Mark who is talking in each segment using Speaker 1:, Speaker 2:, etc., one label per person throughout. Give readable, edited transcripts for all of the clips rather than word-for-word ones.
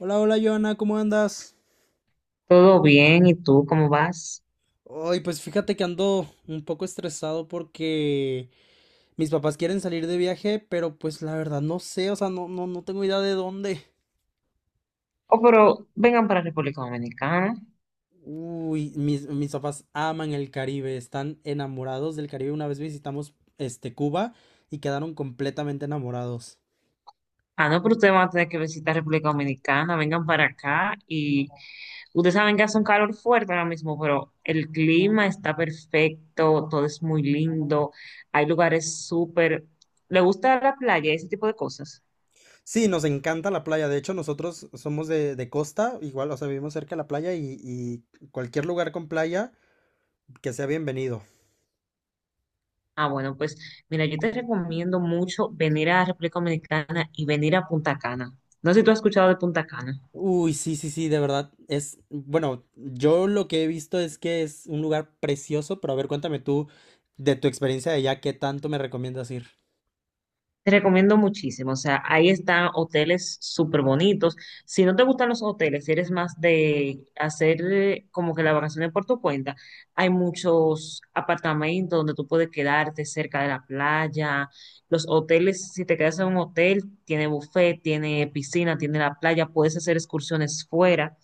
Speaker 1: Hola, hola, Joana, ¿cómo andas?
Speaker 2: Todo bien, ¿y tú cómo vas?
Speaker 1: Hoy, pues fíjate que ando un poco estresado porque mis papás quieren salir de viaje, pero pues la verdad no sé, o sea, no, no, no tengo idea de dónde.
Speaker 2: Oh, pero vengan para República Dominicana.
Speaker 1: Uy, mis papás aman el Caribe, están enamorados del Caribe. Una vez visitamos Cuba y quedaron completamente enamorados.
Speaker 2: Ah, no, pero ustedes van a tener que visitar República Dominicana, vengan para acá y ustedes saben que hace un calor fuerte ahora mismo, pero el clima está perfecto, todo es muy lindo, hay lugares súper... ¿Le gusta la playa, ese tipo de cosas?
Speaker 1: Sí, nos encanta la playa. De hecho, nosotros somos de costa, igual, o sea, vivimos cerca de la playa y cualquier lugar con playa que sea bienvenido.
Speaker 2: Ah, bueno, pues mira, yo te recomiendo mucho venir a República Dominicana y venir a Punta Cana. No sé si tú has escuchado de Punta Cana.
Speaker 1: Uy, sí, sí, sí, de verdad. Bueno, yo lo que he visto es que es un lugar precioso, pero a ver, cuéntame tú de tu experiencia de allá, ¿qué tanto me recomiendas ir?
Speaker 2: Te recomiendo muchísimo, o sea, ahí están hoteles súper bonitos. Si no te gustan los hoteles, si eres más de hacer como que la vacación por tu cuenta, hay muchos apartamentos donde tú puedes quedarte cerca de la playa. Los hoteles, si te quedas en un hotel, tiene buffet, tiene piscina, tiene la playa, puedes hacer excursiones fuera,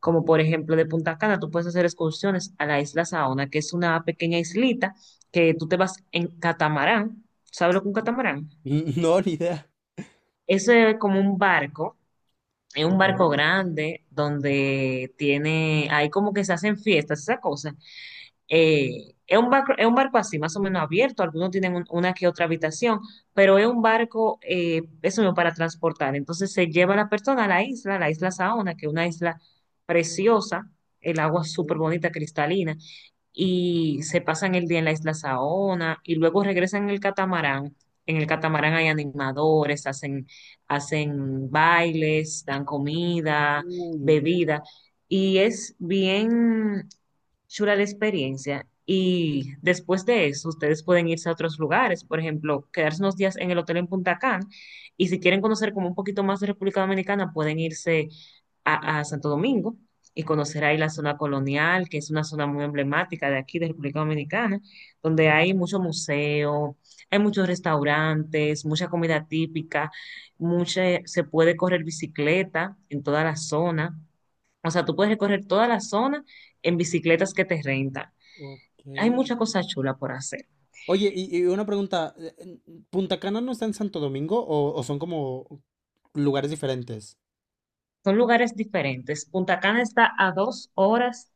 Speaker 2: como por ejemplo de Punta Cana, tú puedes hacer excursiones a la isla Saona, que es una pequeña islita que tú te vas en catamarán. ¿Sabes lo que es un catamarán?
Speaker 1: No, ni idea.
Speaker 2: Eso es como un barco, es un
Speaker 1: Ok.
Speaker 2: barco grande donde tiene, ahí como que se hacen fiestas, esa cosa. Es un barco así, más o menos abierto. Algunos tienen una que otra habitación, pero es un barco, eso mismo, para transportar. Entonces se lleva a la persona a la isla Saona, que es una isla preciosa, el agua es súper
Speaker 1: Uy,
Speaker 2: bonita, cristalina, y se pasan el día en la isla Saona y luego regresan en el catamarán. En el catamarán hay animadores, hacen bailes, dan comida,
Speaker 1: uy, uy,
Speaker 2: bebida, y es bien chula la experiencia. Y después de eso, ustedes pueden irse a otros lugares, por ejemplo, quedarse unos días en el hotel en Punta Cana. Y si quieren conocer como un poquito más de República Dominicana, pueden irse a Santo Domingo y conocer ahí la zona colonial, que es una zona muy emblemática de aquí, de República Dominicana, donde hay mucho museo, hay muchos restaurantes, mucha comida típica, mucha, se puede correr bicicleta en toda la zona. O sea, tú puedes recorrer toda la zona en bicicletas que te rentan.
Speaker 1: ok.
Speaker 2: Hay muchas cosas chulas por hacer.
Speaker 1: Oye, y una pregunta, ¿Punta Cana no está en Santo Domingo o son como lugares diferentes?
Speaker 2: Son lugares diferentes. Punta Cana está a 2 horas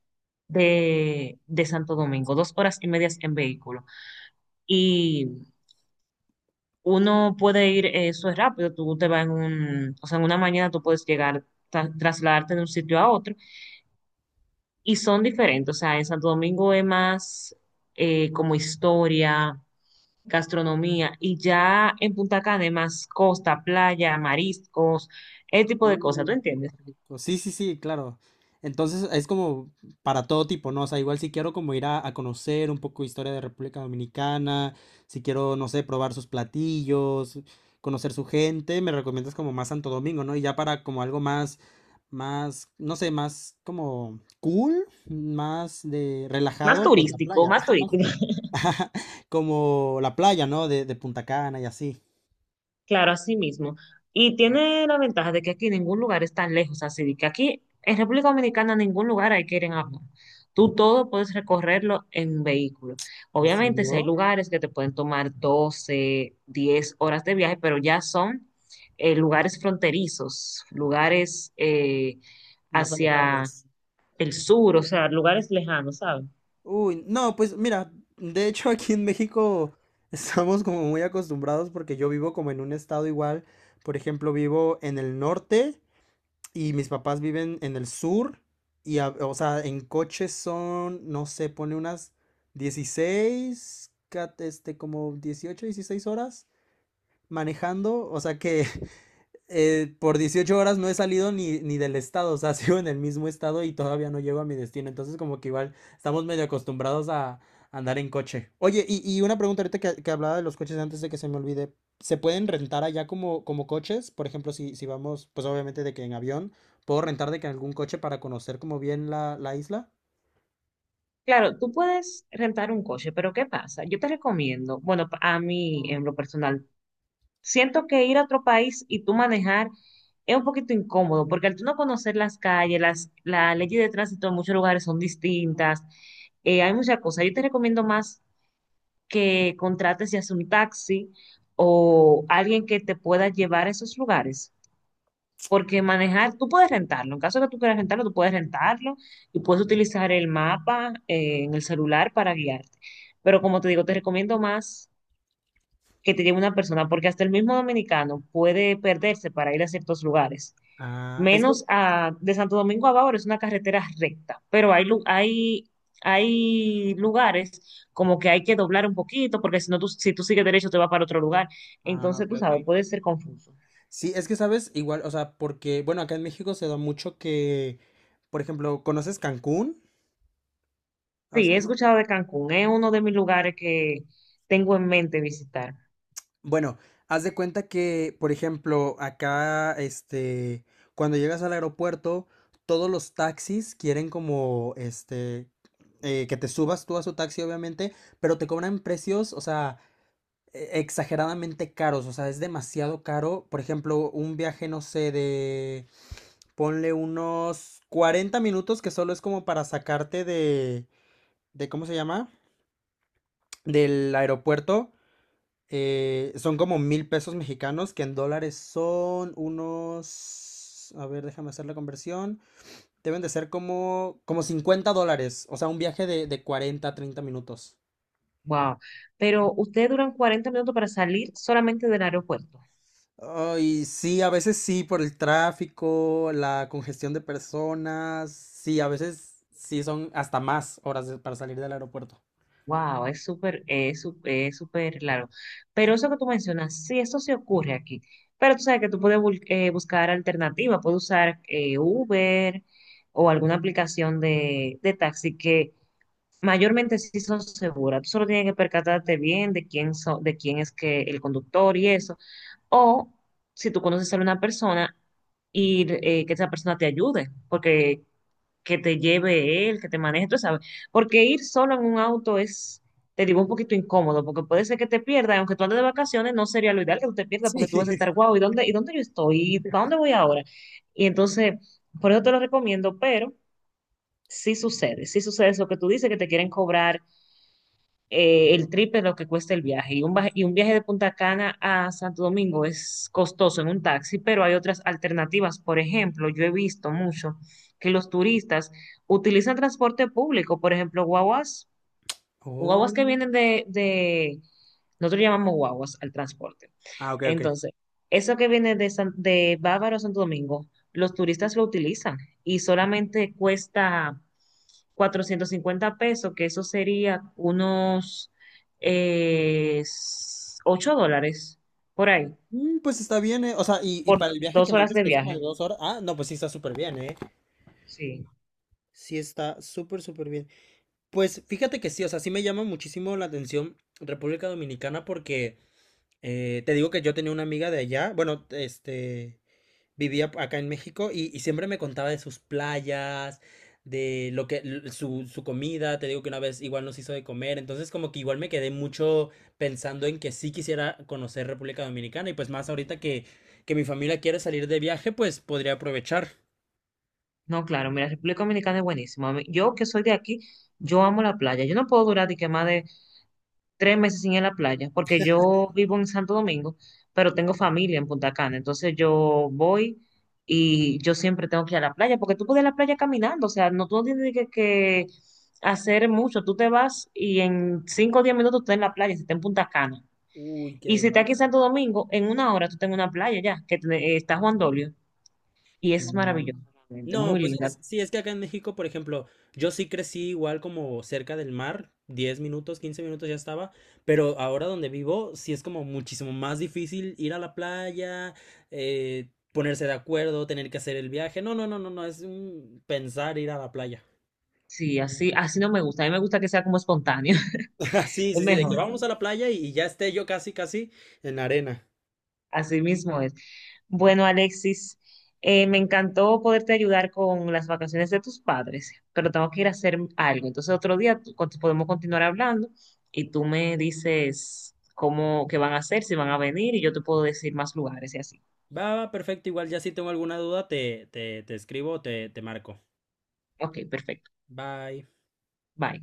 Speaker 2: de Santo Domingo, dos horas y medias en vehículo. Y uno puede ir, eso es rápido, tú te vas en o sea, en una mañana tú puedes llegar, trasladarte de un sitio a otro. Y son diferentes. O sea, en Santo Domingo es más como historia, gastronomía y ya en Punta Cana hay más costa, playa, mariscos, ese tipo de cosas, ¿tú
Speaker 1: Uy, qué
Speaker 2: entiendes?
Speaker 1: rico. Sí, sí, sí, claro. Entonces es como para todo tipo, ¿no? O sea, igual si quiero como ir a conocer un poco de historia de República Dominicana, si quiero, no sé, probar sus platillos, conocer su gente, me recomiendas como más Santo Domingo, ¿no? Y ya para como algo más, más, no sé, más como cool, más de relajado, pues la playa.
Speaker 2: Más
Speaker 1: Ajá,
Speaker 2: turístico,
Speaker 1: como la playa, ¿no? De Punta Cana y así.
Speaker 2: claro, así mismo. Y tiene la ventaja de que aquí ningún lugar es tan lejos, así de que aquí en República Dominicana ningún lugar hay que ir en avión. Tú todo puedes recorrerlo en vehículo.
Speaker 1: ¿En
Speaker 2: Obviamente, si hay
Speaker 1: serio?
Speaker 2: lugares que te pueden tomar 12 10 horas de viaje, pero ya son lugares fronterizos, lugares
Speaker 1: Más
Speaker 2: hacia
Speaker 1: alejados.
Speaker 2: el sur, o sea, lugares lejanos, ¿sabes?
Speaker 1: Uy, no, pues mira, de hecho aquí en México estamos como muy acostumbrados porque yo vivo como en un estado igual, por ejemplo, vivo en el norte y mis papás viven en el sur y, o sea, en coche son, no sé, pone unas 16, como 18, 16 horas manejando, o sea que por 18 horas no he salido ni del estado, o sea, sigo en el mismo estado y todavía no llego a mi destino. Entonces, como que igual estamos medio acostumbrados a andar en coche. Oye, y una pregunta ahorita que, hablaba de los coches antes de que se me olvide. ¿Se pueden rentar allá como coches? Por ejemplo, si, si vamos, pues obviamente de que en avión, ¿puedo rentar de que algún coche para conocer como bien la isla?
Speaker 2: Claro, tú puedes rentar un coche, pero ¿qué pasa? Yo te recomiendo, bueno, a mí en lo personal, siento que ir a otro país y tú manejar es un poquito incómodo, porque al tú no conocer las calles, la ley de tránsito en muchos lugares son distintas, hay muchas cosas. Yo te recomiendo más que contrates ya sea un taxi o alguien que te pueda llevar a esos lugares. Porque manejar, tú puedes rentarlo, en caso de que tú quieras rentarlo, tú puedes rentarlo y puedes utilizar el mapa en el celular para guiarte. Pero como te digo, te recomiendo más que te lleve una persona, porque hasta el mismo dominicano puede perderse para ir a ciertos lugares.
Speaker 1: Ah, es que...
Speaker 2: Menos a, de Santo Domingo a Bávaro es una carretera recta, pero hay lugares como que hay que doblar un poquito, porque si no, tú, si tú sigues derecho te va para otro lugar.
Speaker 1: Ah,
Speaker 2: Entonces,
Speaker 1: ok,
Speaker 2: tú
Speaker 1: ok.
Speaker 2: sabes, puede ser confuso.
Speaker 1: Sí, es que sabes, igual, o sea, porque, bueno, acá en México se da mucho que, por ejemplo, ¿conoces Cancún?
Speaker 2: Sí, he escuchado de Cancún, es uno de mis lugares que tengo en mente visitar.
Speaker 1: Bueno, haz de cuenta que, por ejemplo, acá, cuando llegas al aeropuerto, todos los taxis quieren como, que te subas tú a su taxi, obviamente, pero te cobran precios, o sea, exageradamente caros, o sea, es demasiado caro. Por ejemplo, un viaje, no sé, de, ponle unos 40 minutos, que solo es como para sacarte de, ¿cómo se llama? Del aeropuerto. Son como 1000 pesos mexicanos, que en dólares son unos... A ver, déjame hacer la conversión. Deben de ser como, como 50 dólares, o sea, un viaje de, 40 a 30 minutos.
Speaker 2: Wow. Pero ustedes duran 40 minutos para salir solamente del aeropuerto.
Speaker 1: Ay, sí, a veces sí, por el tráfico, la congestión de personas, sí, a veces sí son hasta más horas para salir del aeropuerto.
Speaker 2: Wow, es súper, es súper largo. Pero eso que tú mencionas, sí, eso sí ocurre aquí. Pero tú sabes que tú puedes buscar alternativas, puedes usar Uber o alguna aplicación de taxi que mayormente sí son seguras. Tú solo tienes que percatarte bien de quién de quién es que el conductor y eso. O si tú conoces a una persona ir que esa persona te ayude, porque que te lleve él, que te maneje, tú sabes. Porque ir solo en un auto es, te digo, un poquito incómodo, porque puede ser que te pierdas, aunque tú andes de vacaciones, no sería lo ideal que tú te pierdas,
Speaker 1: Sí.
Speaker 2: porque tú vas a estar, guau, ¿y dónde, yo estoy? ¿Y para dónde voy ahora? Y entonces, por eso te lo recomiendo, pero sí sucede eso que tú dices, que te quieren cobrar el triple de lo que cuesta el viaje. Y un viaje de Punta Cana a Santo Domingo es costoso en un taxi, pero hay otras alternativas. Por ejemplo, yo he visto mucho que los turistas utilizan transporte público, por ejemplo, guaguas. Guaguas
Speaker 1: Oh.
Speaker 2: que vienen de- Nosotros llamamos guaguas al transporte.
Speaker 1: Ah, ok, ok.
Speaker 2: Entonces, eso que viene de Bávaro a Santo Domingo, los turistas lo utilizan y solamente cuesta 450 pesos, que eso sería unos eh, $8 por ahí,
Speaker 1: Pues está bien, eh. O sea, y
Speaker 2: por
Speaker 1: para el viaje que
Speaker 2: dos
Speaker 1: me
Speaker 2: horas
Speaker 1: dices
Speaker 2: de
Speaker 1: que es como de
Speaker 2: viaje.
Speaker 1: 2 horas. Ah, no, pues sí está súper bien, ¿eh?
Speaker 2: Sí,
Speaker 1: Sí, está súper, súper bien. Pues fíjate que sí, o sea, sí me llama muchísimo la atención República Dominicana porque te digo que yo tenía una amiga de allá, bueno, este, vivía acá en México y siempre me contaba de sus playas, de lo que, su comida, te digo que una vez igual nos hizo de comer, entonces como que igual me quedé mucho pensando en que sí quisiera conocer República Dominicana y pues más ahorita que, mi familia quiere salir de viaje, pues podría aprovechar.
Speaker 2: no, claro, mira, República Dominicana es buenísima. Yo que soy de aquí, yo amo la playa. Yo no puedo durar de que más de 3 meses sin ir a la playa, porque yo vivo en Santo Domingo, pero tengo familia en Punta Cana, entonces yo voy y yo siempre tengo que ir a la playa, porque tú puedes ir a la playa caminando, o sea, no tú no tienes que hacer mucho, tú te vas y en 5 o 10 minutos tú estás en la playa, si estás en Punta Cana.
Speaker 1: Uy, qué
Speaker 2: Y si estás aquí en
Speaker 1: delicia.
Speaker 2: Santo Domingo, en una hora tú estás en una playa ya, que te- está Juan Dolio, y es
Speaker 1: Mm,
Speaker 2: maravilloso, realmente,
Speaker 1: No,
Speaker 2: muy
Speaker 1: pues
Speaker 2: linda.
Speaker 1: sí, es que acá en México, por ejemplo, yo sí crecí igual como cerca del mar, 10 minutos, 15 minutos ya estaba, pero ahora donde vivo sí es como muchísimo más difícil ir a la playa, ponerse de acuerdo, tener que hacer el viaje. No, no, no, no, no, es un pensar ir a la playa.
Speaker 2: Sí, así, así no me gusta, a mí me gusta que sea como espontáneo,
Speaker 1: Sí,
Speaker 2: es
Speaker 1: sí, sí, de que
Speaker 2: mejor.
Speaker 1: vamos a la playa y ya esté yo casi, casi en la arena.
Speaker 2: Así mismo es. Bueno, Alexis, me encantó poderte ayudar con las vacaciones de tus padres, pero tengo que ir a hacer algo. Entonces, otro día podemos continuar hablando y tú me dices cómo, qué van a hacer, si van a venir y yo te puedo decir más lugares y así.
Speaker 1: Va, va, perfecto, igual ya si tengo alguna duda te escribo, te marco.
Speaker 2: Ok, perfecto.
Speaker 1: Bye.
Speaker 2: Bye.